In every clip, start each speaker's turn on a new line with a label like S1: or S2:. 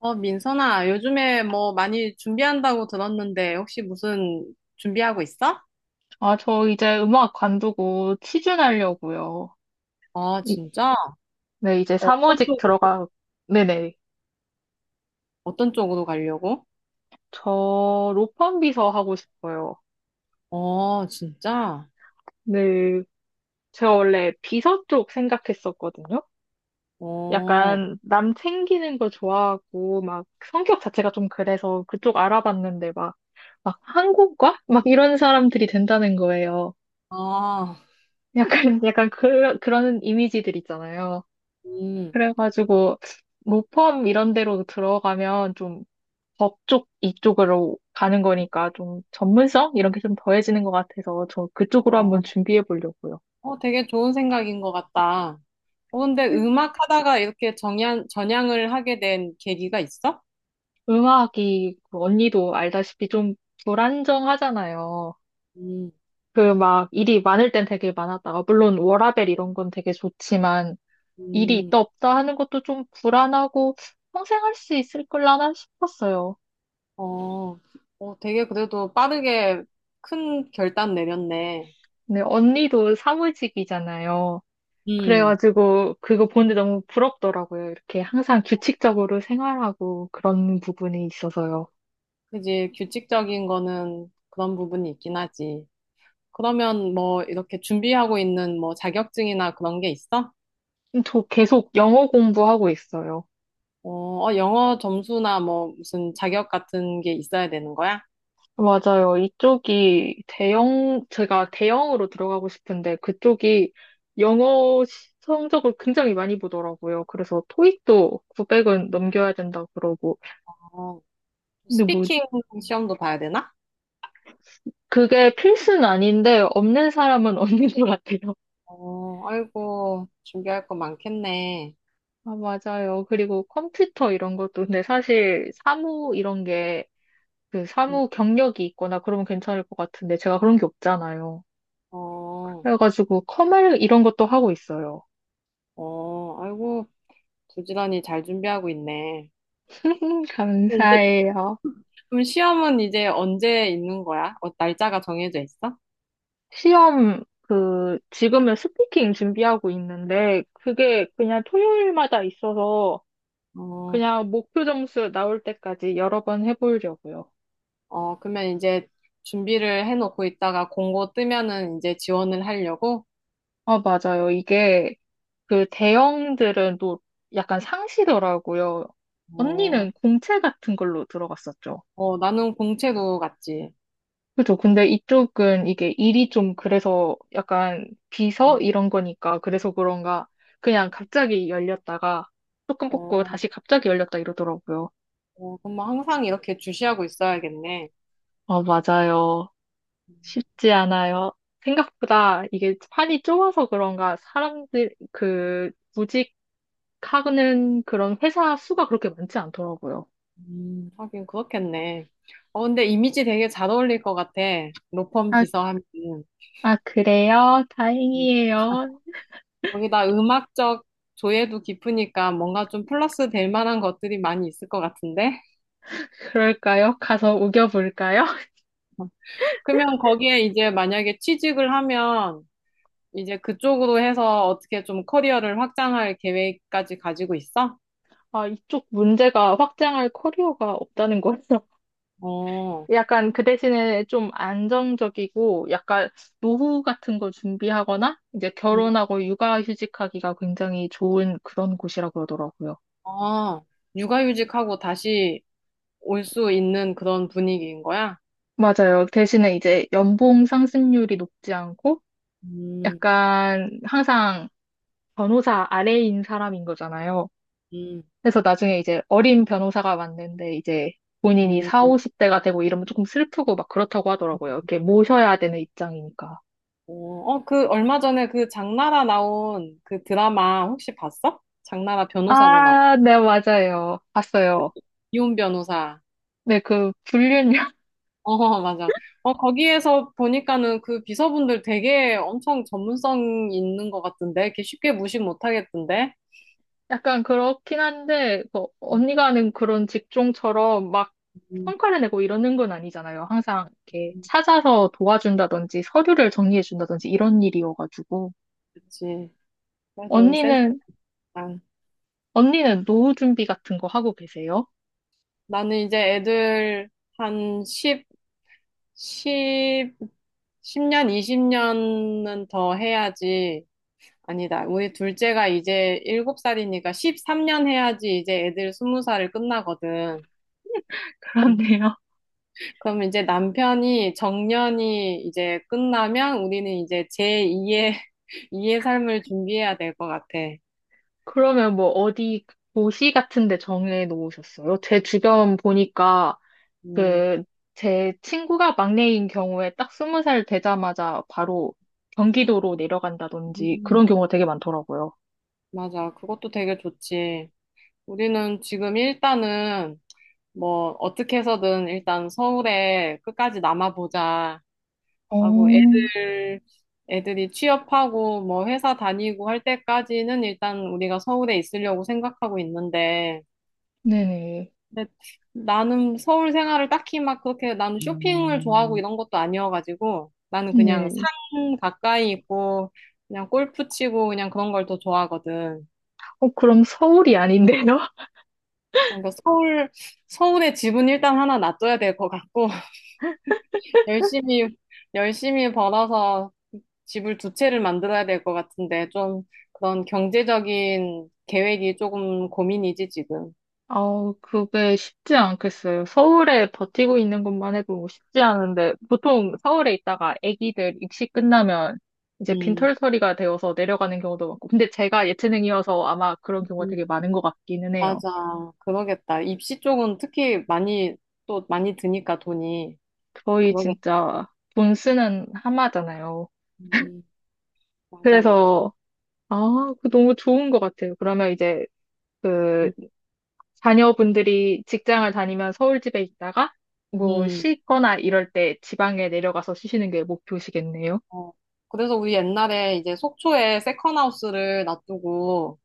S1: 어, 민선아, 요즘에 뭐 많이 준비한다고 들었는데, 혹시 무슨 준비하고 있어?
S2: 아, 저 이제 음악 관두고 취준하려고요.
S1: 아,
S2: 이-
S1: 진짜?
S2: 네, 이제
S1: 어떤
S2: 사무직
S1: 쪽으로,
S2: 들어가, 네네.
S1: 어떤 쪽으로 가려고?
S2: 저 로펌 비서 하고 싶어요.
S1: 어, 진짜?
S2: 네, 제가 원래 비서 쪽 생각했었거든요.
S1: 어,
S2: 약간 남 챙기는 거 좋아하고, 막 성격 자체가 좀 그래서 그쪽 알아봤는데 막, 막 한국과? 막 이런 사람들이 된다는 거예요.
S1: 아,
S2: 약간 그런 이미지들 있잖아요.
S1: 음,
S2: 그래가지고, 로펌 이런 데로 들어가면 좀 법 쪽 이쪽으로 가는 거니까 좀 전문성? 이런 게 좀 더해지는 것 같아서 저 그쪽으로 한번
S1: 어,
S2: 준비해 보려고요.
S1: 어, 되게 좋은 생각인 것 같다. 어, 근데
S2: 음.
S1: 음악 하다가 이렇게 전향을 하게 된 계기가 있어?
S2: 음악이 그 언니도 알다시피 좀 불안정하잖아요.
S1: 음,
S2: 그 막 일이 많을 땐 되게 많았다가 물론 워라밸 이런 건 되게 좋지만 일이
S1: 음,
S2: 있다 없다 하는 것도 좀 불안하고 평생 할 수 있을 걸라나 싶었어요.
S1: 어, 어, 되게 그래도 빠르게 큰 결단 내렸네.
S2: 근데 언니도 사무직이잖아요.
S1: 음.
S2: 그래가지고 그거 보는데 너무 부럽더라고요. 이렇게 항상 규칙적으로 생활하고 그런 부분이 있어서요.
S1: 그지, 규칙적인 거는 그런 부분이 있긴 하지. 그러면 뭐 이렇게 준비하고 있는 뭐 자격증이나 그런 게 있어?
S2: 저 계속 영어 공부하고 있어요.
S1: 어, 어, 영어 점수나 뭐 무슨 자격 같은 게 있어야 되는 거야?
S2: 맞아요. 이쪽이 대형, 제가 대형으로 들어가고 싶은데 그쪽이 성적을 굉장히 많이 보더라고요. 그래서 토익도 900은 넘겨야 된다 그러고.
S1: 어,
S2: 근데 뭐
S1: 스피킹 시험도 봐야 되나?
S2: 그게 필수는 아닌데 없는 사람은 없는 것 같아요.
S1: 어, 아이고, 준비할 거 많겠네.
S2: 아, 맞아요. 그리고 컴퓨터 이런 것도, 근데 사실 사무 이런 게 그
S1: 음,
S2: 사무 경력이 있거나 그러면 괜찮을 것 같은데 제가 그런 게 없잖아요.
S1: 어,
S2: 그래가지고 컴활 이런 것도 하고 있어요.
S1: 어, 아이고, 부지런히 잘 준비하고 있네. 그럼 이제,
S2: 감사해요.
S1: 그럼 시험은 이제 언제 있는 거야? 어, 날짜가 정해져 있어?
S2: 시험 그 지금은 스피킹 준비하고 있는데 그게 그냥 토요일마다 있어서
S1: 어.
S2: 그냥 목표 점수 나올 때까지 여러 번 해보려고요.
S1: 어, 그러면 이제 준비를 해놓고 있다가 공고 뜨면은 이제 지원을 하려고?
S2: 아, 맞아요. 이게 그 대형들은 또 약간 상시더라고요.
S1: 어,
S2: 언니는 공채 같은 걸로 들어갔었죠.
S1: 어, 나는 공채도 갔지.
S2: 그죠. 근데 이쪽은 이게 일이 좀 그래서 약간 비서 이런 거니까 그래서 그런가 그냥 갑자기 열렸다가 조금 뽑고
S1: 어,
S2: 다시 갑자기 열렸다 이러더라고요.
S1: 어, 그럼 뭐 항상 이렇게 주시하고 있어야겠네.
S2: 아, 맞아요. 쉽지 않아요. 생각보다 이게 판이 좁아서 그런가 사람들 그 구직하는 그런 회사 수가 그렇게 많지 않더라고요.
S1: 하긴 그렇겠네. 어, 근데 이미지 되게 잘 어울릴 것 같아, 로펌
S2: 아,
S1: 비서 하면.
S2: 아, 그래요?
S1: 음,
S2: 다행이에요.
S1: 거기다 음악적 조예도 깊으니까 뭔가 좀 플러스 될 만한 것들이 많이 있을 것 같은데?
S2: 그럴까요? 가서 우겨볼까요?
S1: 그러면 거기에 이제 만약에 취직을 하면 이제 그쪽으로 해서 어떻게 좀 커리어를 확장할 계획까지 가지고 있어?
S2: 아, 이쪽 문제가 확장할 커리어가 없다는 거예요.
S1: 어,
S2: 약간 그 대신에 좀 안정적이고 약간 노후 같은 거 준비하거나 이제
S1: 음.
S2: 결혼하고 육아휴직하기가 굉장히 좋은 그런 곳이라고 그러더라고요.
S1: 아, 육아휴직하고 다시 올 수 있는 그런 분위기인 거야?
S2: 맞아요. 대신에 이제 연봉 상승률이 높지 않고
S1: 음,
S2: 약간 항상 변호사 아래인 사람인 거잖아요.
S1: 음,
S2: 그래서 나중에 이제 어린 변호사가 왔는데 이제 본인이
S1: 음.
S2: 4, 50대가 되고 이러면 조금 슬프고 막 그렇다고 하더라고요. 이렇게 모셔야 되는 입장이니까.
S1: 어, 어, 그 얼마 전에 그 장나라 나온 그 드라마 혹시 봤어? 장나라 변호사로 나온
S2: 아, 네, 맞아요.
S1: 그
S2: 봤어요.
S1: 이혼 변호사.
S2: 네, 그 불륜이요.
S1: 어, 맞아. 어, 거기에서 보니까는 그 비서분들 되게 엄청 전문성 있는 것 같던데? 이렇게 쉽게 무시 못 하겠던데?
S2: 약간 그렇긴 한데 뭐 언니가 하는 그런 직종처럼 막
S1: 음,
S2: 성과를 내고 이러는 건 아니잖아요. 항상 이렇게 찾아서 도와준다든지 서류를 정리해준다든지 이런 일이어가지고.
S1: 그치. 그래도 센스다.
S2: 언니는, 언니는 노후 준비 같은 거 하고 계세요?
S1: 나는 이제 애들 한 10, 십십년 20년은 더 해야지. 아니다. 우리 둘째가 이제 7살이니까 13년 해야지 이제 애들 20살을 끝나거든. 음,
S2: 그렇네요.
S1: 그럼 이제 남편이 정년이 이제 끝나면 우리는 이제 제2의, 이의 삶을 준비해야 될 것 같아.
S2: 그러면 뭐 어디 도시 같은 데 정해 놓으셨어요? 제 주변 보니까
S1: 음,
S2: 그 제 친구가 막내인 경우에 딱 20살 되자마자 바로 경기도로 내려간다든지
S1: 음,
S2: 그런 경우가 되게 많더라고요.
S1: 맞아. 그것도 되게 좋지. 우리는 지금 일단은 뭐 어떻게 해서든 일단 서울에 끝까지 남아보자
S2: 어,
S1: 하고 애들이 취업하고 뭐 회사 다니고 할 때까지는 일단 우리가 서울에 있으려고 생각하고 있는데
S2: 네네.
S1: 근데 나는 서울 생활을 딱히 막 그렇게 나는 쇼핑을 좋아하고 이런 것도 아니어가지고 나는 그냥
S2: 네.
S1: 산 가까이 있고 그냥 골프 치고 그냥 그런 걸 더 좋아하거든.
S2: 어, 그럼 서울이 아닌데요?
S1: 그러니까 서울에 집은 일단 하나 놔둬야 될 것 같고 열심히, 열심히 벌어서 집을 두 채를 만들어야 될 것 같은데, 좀 그런 경제적인 계획이 조금 고민이지, 지금.
S2: 아우, 그게 쉽지 않겠어요. 서울에 버티고 있는 것만 해도 쉽지 않은데, 보통 서울에 있다가 아기들 입시 끝나면 이제
S1: 음,
S2: 빈털터리가 되어서 내려가는 경우도 많고, 근데 제가 예체능이어서 아마 그런 경우가
S1: 음,
S2: 되게 많은 것 같기는 해요.
S1: 맞아. 그러겠다. 입시 쪽은 특히 많이, 또 많이 드니까 돈이.
S2: 거의
S1: 그러겠다.
S2: 진짜 돈 쓰는 하마잖아요.
S1: 음, 맞아, 맞아.
S2: 그래서, 아, 그 너무 좋은 것 같아요. 그러면 이제 그
S1: 음,
S2: 자녀분들이 직장을 다니면 서울 집에 있다가 뭐
S1: 음,
S2: 쉬거나 이럴 때 지방에 내려가서 쉬시는 게 목표시겠네요.
S1: 어. 그래서 우리 옛날에 이제 속초에 세컨하우스를 놔두고,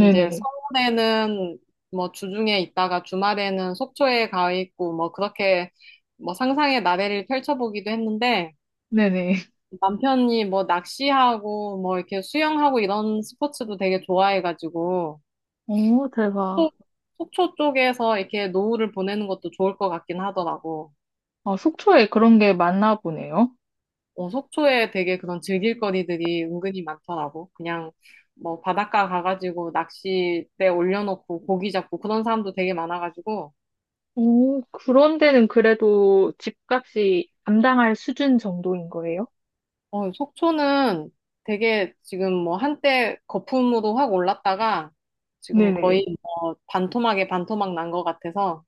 S1: 이제 서울에는 뭐 주중에 있다가 주말에는 속초에 가 있고 뭐 그렇게 뭐 상상의 나래를 펼쳐보기도 했는데
S2: 네네.
S1: 남편이 뭐 낚시하고 뭐 이렇게 수영하고 이런 스포츠도 되게 좋아해가지고
S2: 오,
S1: 또
S2: 대박.
S1: 속초 쪽에서 이렇게 노후를 보내는 것도 좋을 것 같긴 하더라고.
S2: 아, 속초에 그런 게 많나 보네요.
S1: 어, 속초에 되게 그런 즐길 거리들이 은근히 많더라고. 그냥 뭐 바닷가 가가지고 낚싯대 올려놓고 고기 잡고 그런 사람도 되게 많아가지고
S2: 오, 그런 데는 그래도 집값이 감당할 수준 정도인 거예요?
S1: 어, 속초는 되게 지금 뭐 한때 거품으로 확 올랐다가 지금
S2: 네네.
S1: 거의 뭐 반토막에 반토막 난 것 같아서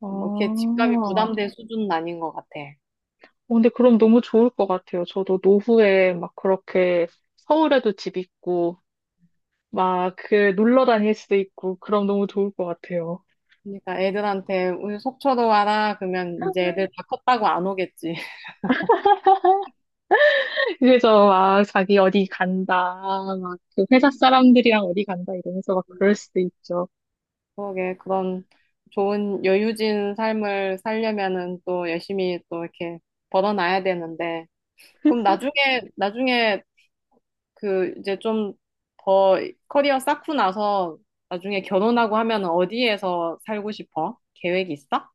S2: 아,
S1: 뭐 이렇게 집값이
S2: 어,
S1: 부담될 수준은 아닌 것 같아.
S2: 근데 그럼 너무 좋을 것 같아요. 저도 노후에 막 그렇게 서울에도 집 있고, 막 그 놀러 다닐 수도 있고, 그럼 너무 좋을 것 같아요.
S1: 그러니까 애들한테 우리 속초로 와라 그러면 이제 애들 다 컸다고 안 오겠지.
S2: 그래서 막 자기 어디 간다, 막 그 회사 사람들이랑 어디 간다 이러면서 막 그럴
S1: 음,
S2: 수도 있죠.
S1: 그러게 그런 좋은 여유진 삶을 살려면은 또 열심히 또 이렇게 벌어놔야 되는데 그럼 나중에 그 이제 좀 더 커리어 쌓고 나서 나중에 결혼하고 하면 어디에서 살고 싶어? 계획 있어?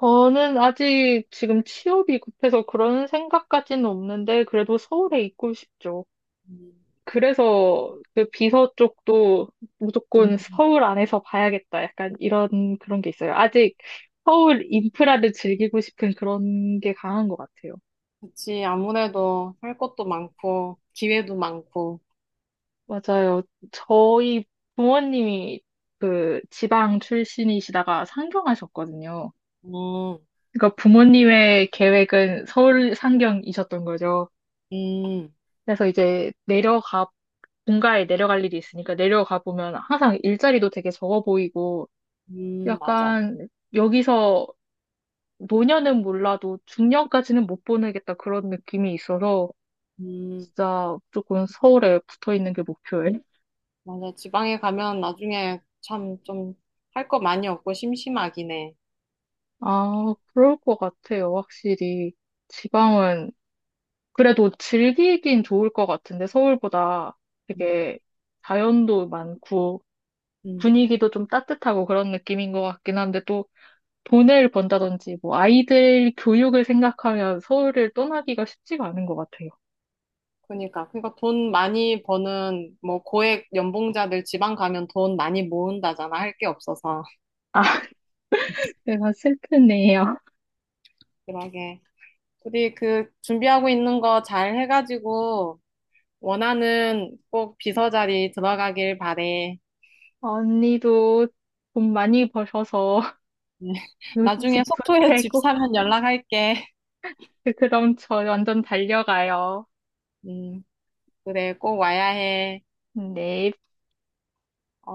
S2: 저는 아직 지금 취업이 급해서 그런 생각까지는 없는데, 그래도 서울에 있고 싶죠.
S1: 음,
S2: 그래서 그 비서 쪽도 무조건
S1: 음,
S2: 서울 안에서 봐야겠다. 약간 이런 그런 게 있어요. 아직 서울 인프라를 즐기고 싶은 그런 게 강한 것 같아요.
S1: 그치. 아무래도 할 것도 많고, 기회도 많고.
S2: 맞아요. 저희 부모님이 그 지방 출신이시다가 상경하셨거든요.
S1: 음,
S2: 그러니까 부모님의 계획은 서울 상경이셨던 거죠.
S1: 음,
S2: 그래서 이제 내려가 본가에 내려갈 일이 있으니까 내려가 보면 항상 일자리도 되게 적어 보이고
S1: 맞아.
S2: 약간 여기서 노년은 몰라도 중년까지는 못 보내겠다 그런 느낌이 있어서
S1: 음,
S2: 진짜 조금 서울에 붙어 있는 게 목표예요.
S1: 맞아. 지방에 가면 나중에 참 좀 할 거 많이 없고 심심하긴 해.
S2: 아, 그럴 것 같아요. 확실히 지방은 그래도 즐기긴 좋을 것 같은데 서울보다
S1: 음,
S2: 되게 자연도 많고
S1: 음.
S2: 분위기도 좀 따뜻하고 그런 느낌인 것 같긴 한데 또 돈을 번다든지 뭐 아이들 교육을 생각하면 서울을 떠나기가 쉽지가 않은 것 같아요.
S1: 그러니까 돈 많이 버는 뭐 고액 연봉자들 지방 가면 돈 많이 모은다잖아. 할 게 없어서.
S2: 아, 제가 슬프네요.
S1: 그러게. 우리 그 준비하고 있는 거 잘 해가지고 원하는 꼭 비서 자리 들어가길 바래.
S2: 언니도 돈 많이 버셔서
S1: 음, 나중에
S2: 집
S1: 속초에 집
S2: 부채고
S1: 사면 연락할게.
S2: 그럼 저 완전 달려가요.
S1: 음, 그래, 꼭 와야 해.
S2: 네.
S1: 어,